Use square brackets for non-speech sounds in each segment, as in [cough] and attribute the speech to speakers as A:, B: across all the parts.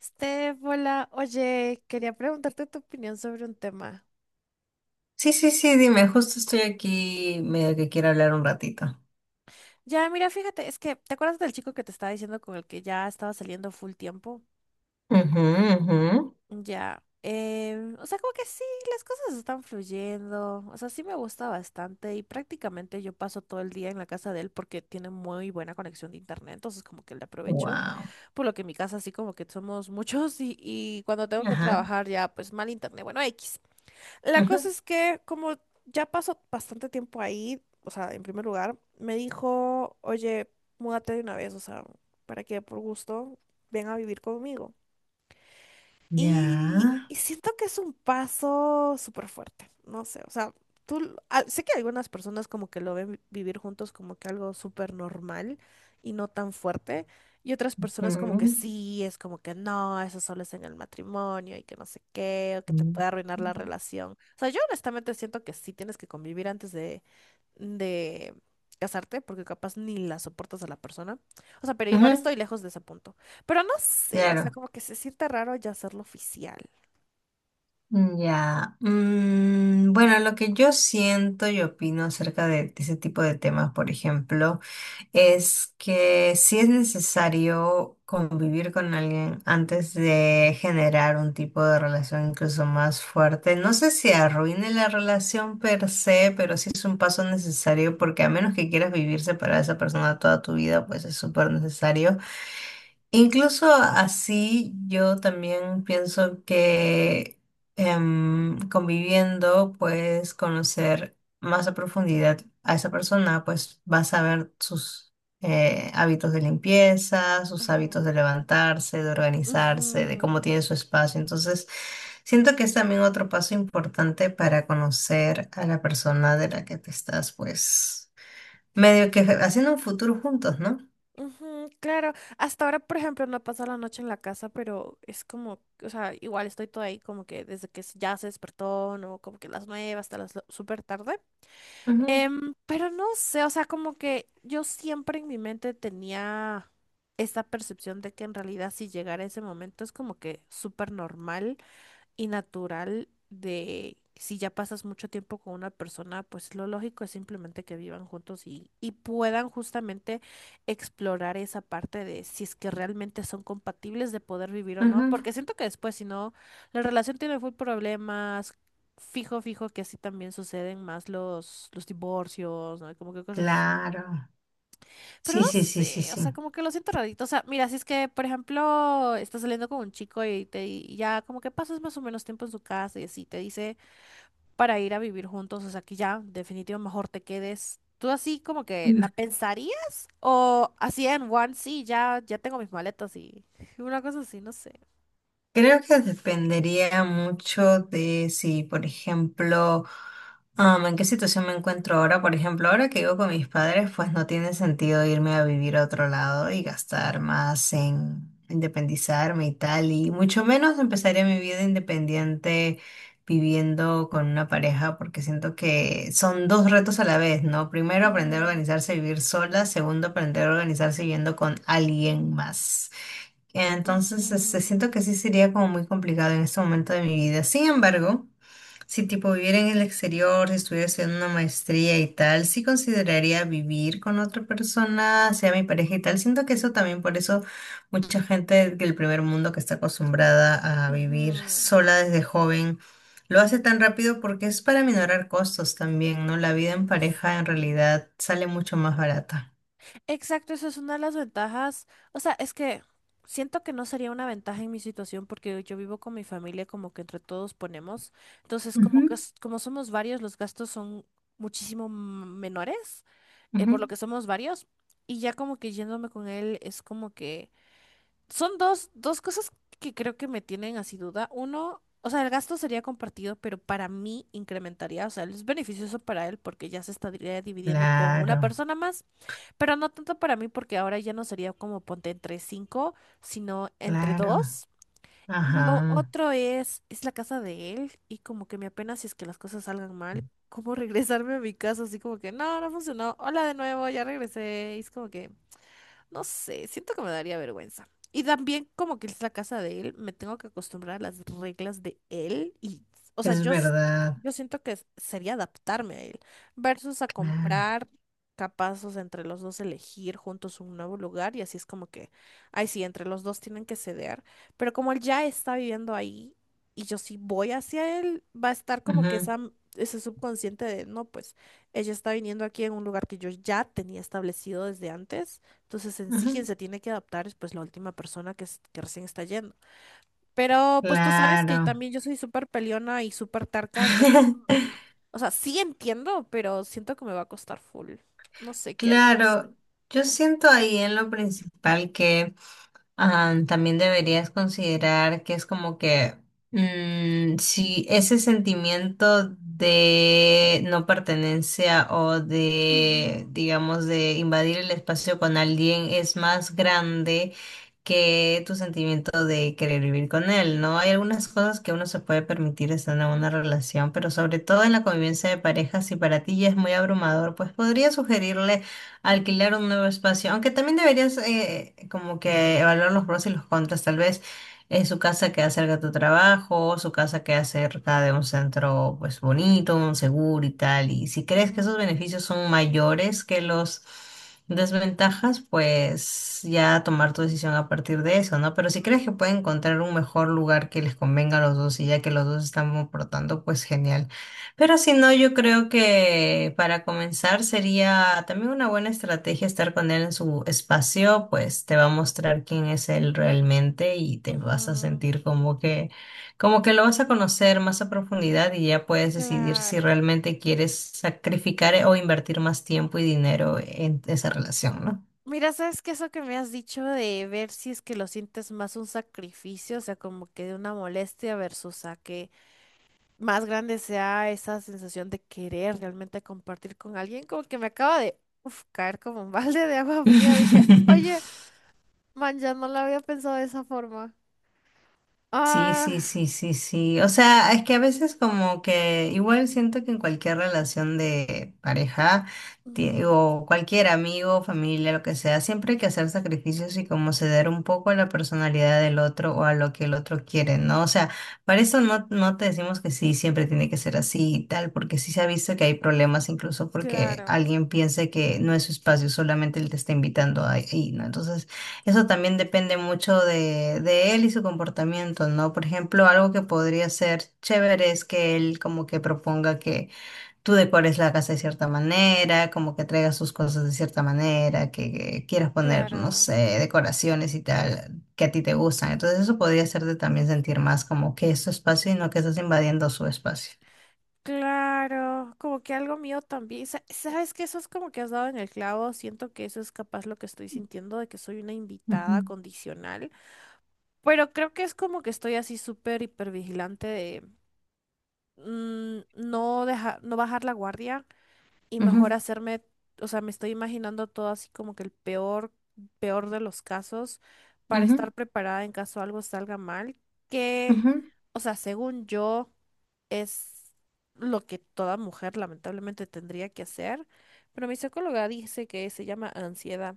A: Steph, hola. Oye, quería preguntarte tu opinión sobre un tema.
B: Sí, sí, sí, dime, justo estoy aquí medio que quiero hablar un ratito.
A: Ya, mira, fíjate, es que, ¿te acuerdas del chico que te estaba diciendo con el que ya estaba saliendo full tiempo?
B: Ujú, ujú.
A: Ya, o sea, como que sí, las cosas están fluyendo. O sea, sí me gusta bastante y prácticamente yo paso todo el día en la casa de él porque tiene muy buena conexión de internet, entonces como que le aprovecho,
B: Wow.
A: por lo que en mi casa así como que somos [laughs] muchos y cuando tengo que
B: Ajá.
A: trabajar ya, pues mal internet, bueno, X. La
B: Ujú.
A: cosa es que como ya pasó bastante tiempo ahí. O sea, en primer lugar, me dijo, oye, múdate de una vez, o sea, ¿para qué? Por gusto, ven a vivir conmigo. Y
B: Ya.
A: siento que es un paso súper fuerte, no sé. O sea, sé que algunas personas como que lo ven vivir juntos como que algo súper normal y no tan fuerte, y otras personas como que
B: Ujú,
A: sí, es como que no, eso solo es en el matrimonio y que no sé qué, o que te
B: ujú.
A: puede arruinar la relación. O sea, yo honestamente siento que sí tienes que convivir antes de casarte, porque capaz ni la soportas a la persona. O sea, pero igual
B: Ujú.
A: estoy lejos de ese punto. Pero no sé, o sea,
B: Claro.
A: como que se siente raro ya hacerlo oficial.
B: Ya. Mm, bueno, lo que yo siento y opino acerca de ese tipo de temas, por ejemplo, es que sí es necesario convivir con alguien antes de generar un tipo de relación incluso más fuerte. No sé si arruine la relación per se, pero sí es un paso necesario porque a menos que quieras vivir separada de esa persona toda tu vida, pues es súper necesario. Incluso así, yo también pienso que conviviendo puedes conocer más a profundidad a esa persona, pues vas a ver sus hábitos de limpieza, sus
A: Ujú,
B: hábitos de levantarse, de organizarse, de
A: ujú,
B: cómo tiene su espacio. Entonces, siento que es también otro paso importante para conocer a la persona de la que te estás, pues, medio que haciendo un futuro juntos, ¿no?
A: ujú, claro, hasta ahora, por ejemplo, no he pasado la noche en la casa, pero es como, o sea, igual estoy toda ahí como que desde que ya se despertó, no, como que las nueve hasta las súper tarde.
B: Ujú,
A: Pero no sé, o sea, como que yo siempre en mi mente tenía esta percepción de que en realidad si llegara ese momento es como que súper normal y natural de si ya pasas mucho tiempo con una persona, pues lo lógico es simplemente que vivan juntos y puedan justamente explorar esa parte de si es que realmente son compatibles de poder vivir o no,
B: ujú.
A: porque siento que después, si no, la relación tiene full problemas. Fijo, fijo que así también suceden más los divorcios, ¿no? Como que cosas así.
B: Claro.
A: Pero no
B: Sí, sí, sí, sí,
A: sé, o
B: sí.
A: sea, como que lo siento rarito. O sea, mira, si es que, por ejemplo, estás saliendo con un chico y te y ya como que pasas más o menos tiempo en su casa y así te dice para ir a vivir juntos, o sea, que ya, definitivo, mejor te quedes. ¿Tú así como que la
B: Mm.
A: pensarías? ¿O así en one, sí, ya, ya tengo mis maletas y [laughs] una cosa así? No sé.
B: Creo que dependería mucho de si, por ejemplo, en qué situación me encuentro ahora. Por ejemplo, ahora que vivo con mis padres, pues no tiene sentido irme a vivir a otro lado y gastar más en independizarme y tal. Y mucho menos empezaría mi vida independiente viviendo con una pareja, porque siento que son dos retos a la vez, ¿no? Primero, aprender a
A: Mm,
B: organizarse y vivir sola. Segundo, aprender a organizarse viviendo con alguien más. Entonces, este, siento
A: ujú,
B: que sí sería como muy complicado en este momento de mi vida. Sin embargo, si tipo viviera en el exterior, si estuviera haciendo una maestría y tal, sí consideraría vivir con otra persona, sea mi pareja y tal. Siento que eso también, por eso mucha gente del primer mundo que está acostumbrada a vivir
A: ujú.
B: sola desde joven, lo hace tan rápido porque es para minorar costos también, ¿no? La vida en
A: Sí.
B: pareja en realidad sale mucho más barata.
A: Exacto, eso es una de las ventajas. O sea, es que siento que no sería una ventaja en mi situación porque yo vivo con mi familia, como que entre todos ponemos. Entonces,
B: Ujú,
A: como que como somos varios, los gastos son muchísimo menores, por lo
B: ujú.
A: que somos varios. Y ya como que yéndome con él es como que son dos cosas que creo que me tienen así duda. Uno, o sea, el gasto sería compartido, pero para mí incrementaría, o sea, es beneficioso para él porque ya se estaría dividiendo con una
B: Claro,
A: persona más. Pero no tanto para mí, porque ahora ya no sería como ponte entre cinco, sino entre
B: claro.
A: dos. Y lo
B: Ajá,
A: otro es la casa de él, y como que me apena si es que las cosas salgan mal, como [laughs] regresarme a mi casa, así como que no, no funcionó, hola de nuevo, ya regresé. Y es como que no sé, siento que me daría vergüenza. Y también como que es la casa de él, me tengo que acostumbrar a las reglas de él y, o sea,
B: es verdad,
A: yo siento que sería adaptarme a él versus a
B: claro.
A: comprar capazos entre los dos elegir juntos un nuevo lugar y así es como que, ay, sí, entre los dos tienen que ceder, pero como él ya está viviendo ahí y yo sí voy hacia él, va a estar como que
B: Ujú,
A: esa, ese subconsciente de, no, pues ella está viniendo aquí en un lugar que yo ya tenía establecido desde antes. Entonces, en sí, quien
B: ujú.
A: se tiene que adaptar es pues la última persona que, que recién está yendo. Pero pues tú sabes que
B: Claro.
A: también yo soy súper peleona y súper terca, entonces como que,
B: [laughs]
A: o sea, sí entiendo, pero siento que me va a costar full. No sé qué harías.
B: Claro, yo siento ahí en lo principal que también deberías considerar que es como que si ese sentimiento de no pertenencia o de,
A: Ujú,
B: digamos, de invadir el espacio con alguien es más grande que tu sentimiento de querer vivir con él, ¿no? Hay algunas cosas que uno se puede permitir estando en una relación, pero sobre todo en la convivencia de pareja, si para ti ya es muy abrumador, pues podría sugerirle
A: ujú,
B: alquilar un nuevo espacio, aunque también deberías como que evaluar los pros y los contras, tal vez su casa queda cerca de tu trabajo, su casa queda cerca de un centro pues bonito, un seguro y tal, y si crees que esos
A: ujú,
B: beneficios son mayores que los desventajas, pues ya tomar tu decisión a partir de eso, ¿no? Pero si crees que pueden encontrar un mejor lugar que les convenga a los dos y ya que los dos están aportando, pues genial. Pero si no, yo creo que para comenzar sería también una buena estrategia estar con él en su espacio, pues te va a mostrar quién es él realmente y te vas a
A: ujú,
B: sentir como que lo vas a conocer más a profundidad y ya puedes decidir si
A: claro.
B: realmente quieres sacrificar o invertir más tiempo y dinero en esa relación, ¿no?
A: Mira, ¿sabes qué? Eso que me has dicho de ver si es que lo sientes más un sacrificio, o sea, como que de una molestia versus a que más grande sea esa sensación de querer realmente compartir con alguien, como que me acaba de uf, caer como un balde de agua fría. Dije, oye,
B: [laughs]
A: man, ya no la había pensado de esa forma.
B: Sí, sí,
A: Ah,
B: sí, sí, sí. O sea, es que a veces como que igual siento que en cualquier relación de pareja
A: mm,
B: o cualquier amigo, familia, lo que sea, siempre hay que hacer sacrificios y como ceder un poco a la personalidad del otro o a lo que el otro quiere, ¿no? O sea, para eso no, no te decimos que sí, siempre tiene que ser así y tal, porque sí se ha visto que hay problemas incluso porque
A: claro,
B: alguien piense que no es su espacio, solamente él te está invitando ahí, ¿no? Entonces, eso también depende mucho de él y su comportamiento, ¿no? Por ejemplo, algo que podría ser chévere es que él como que proponga que tú decores la casa de cierta manera, como que traigas sus cosas de cierta manera, que quieras poner, no
A: claro,
B: sé, decoraciones y tal, que a ti te gustan. Entonces eso podría hacerte también sentir más como que es tu espacio y no que estás invadiendo su espacio.
A: claro, como que algo mío también. ¿Sabes que Eso es como que has dado en el clavo. Siento que eso es capaz lo que estoy sintiendo, de que soy una
B: Ujú,
A: invitada condicional. Pero creo que es como que estoy así súper hipervigilante de no dejar, no bajar la guardia y mejor
B: ujú,
A: hacerme, o sea, me estoy imaginando todo así como que el peor, peor de los casos para
B: ujú,
A: estar preparada en caso algo salga mal, que,
B: ujú,
A: o sea, según yo, es lo que toda mujer lamentablemente tendría que hacer, pero mi psicóloga dice que se llama ansiedad.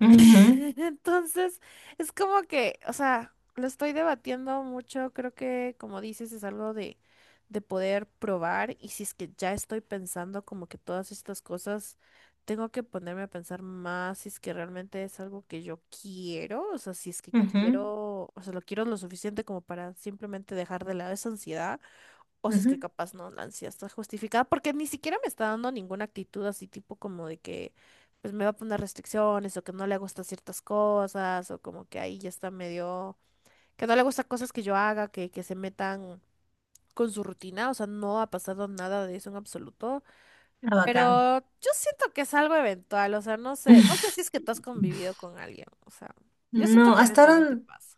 B: ujú,
A: [laughs] Entonces, es como que, o sea, lo estoy debatiendo mucho. Creo que como dices es algo de poder probar y si es que ya estoy pensando como que todas estas cosas, tengo que ponerme a pensar más si es que realmente es algo que yo quiero. O sea, si es que
B: ujú,
A: quiero, o sea, lo quiero lo suficiente como para simplemente dejar de lado esa ansiedad o si es que
B: ujú.
A: capaz no, la ansiedad está justificada, porque ni siquiera me está dando ninguna actitud así tipo como de que pues me va a poner restricciones o que no le gusta ciertas cosas o como que ahí ya está medio, que no le gusta cosas que yo haga, que se metan con su rutina. O sea, no ha pasado nada de eso en absoluto,
B: Ah, bacán.
A: pero yo siento que es algo eventual. O sea, no sé, no sé si es
B: [laughs]
A: que tú has convivido con alguien, o sea, yo siento
B: No,
A: que
B: hasta
A: eventualmente
B: ahora
A: pasa.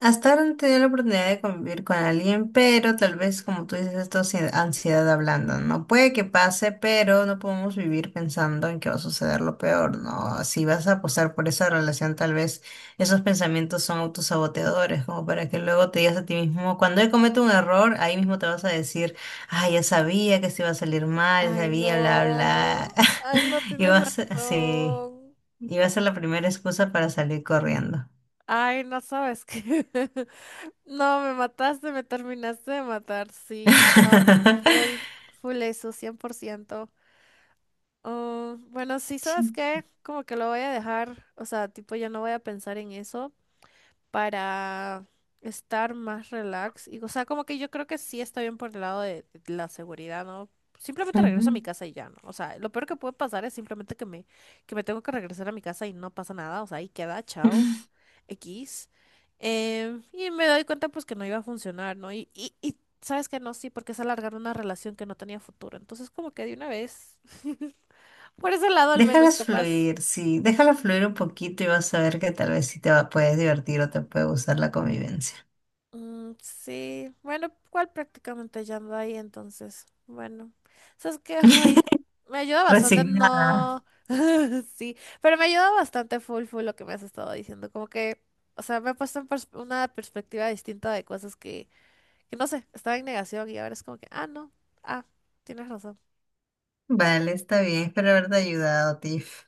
B: hasta ahora no he tenido la oportunidad de convivir con alguien, pero tal vez como tú dices, esto es ansiedad hablando, ¿no? Puede que pase, pero no podemos vivir pensando en que va a suceder lo peor, ¿no? Si vas a apostar por esa relación, tal vez esos pensamientos son autosaboteadores, como para que luego te digas a ti mismo, cuando él comete un error, ahí mismo te vas a decir, ah, ya sabía que se iba a salir mal, ya
A: Ay,
B: sabía, bla,
A: no,
B: bla.
A: ay,
B: [laughs]
A: no
B: Y
A: tienes
B: vas, sí,
A: razón.
B: y va a ser la primera excusa para salir corriendo.
A: Ay, no sabes qué. [laughs] No, me mataste, me terminaste de matar. Sí, no, full,
B: [laughs]
A: full eso, 100%. Ah, bueno, sí, ¿sabes
B: Sí.
A: qué? Como que lo voy a dejar, o sea, tipo, ya no voy a pensar en eso para estar más relax. Y, o sea, como que yo creo que sí está bien por el lado de la seguridad, ¿no? Simplemente regreso a
B: Ujú.
A: mi casa y ya, ¿no? O sea, lo peor que puede pasar es simplemente que que me tengo que regresar a mi casa y no pasa nada. O sea, ahí queda, chao,
B: [laughs]
A: X. Y me doy cuenta pues que no iba a funcionar, ¿no? Y sabes que no, sí, porque es alargar una relación que no tenía futuro. Entonces, como que de una vez, [laughs] por ese lado al menos,
B: Déjalas
A: capaz.
B: fluir, sí, déjala fluir un poquito y vas a ver que tal vez sí te va, puedes divertir o te puede gustar la convivencia.
A: Mm, sí, bueno, cual prácticamente ya ando ahí entonces. Bueno, sabes que hoy me ayuda bastante,
B: Resignada.
A: no, [laughs] sí, pero me ayuda bastante full full lo que me has estado diciendo, como que, o sea, me ha puesto en una perspectiva distinta de cosas que no sé, estaba en negación y ahora es como que, ah, no, ah, tienes razón.
B: Vale, está bien, espero haberte ayudado, Tiff.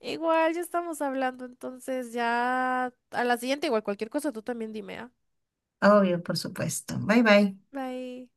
A: Igual ya estamos hablando, entonces ya a la siguiente, igual cualquier cosa tú también dime, ¿ah?
B: Obvio, por supuesto. Bye bye.
A: Bye.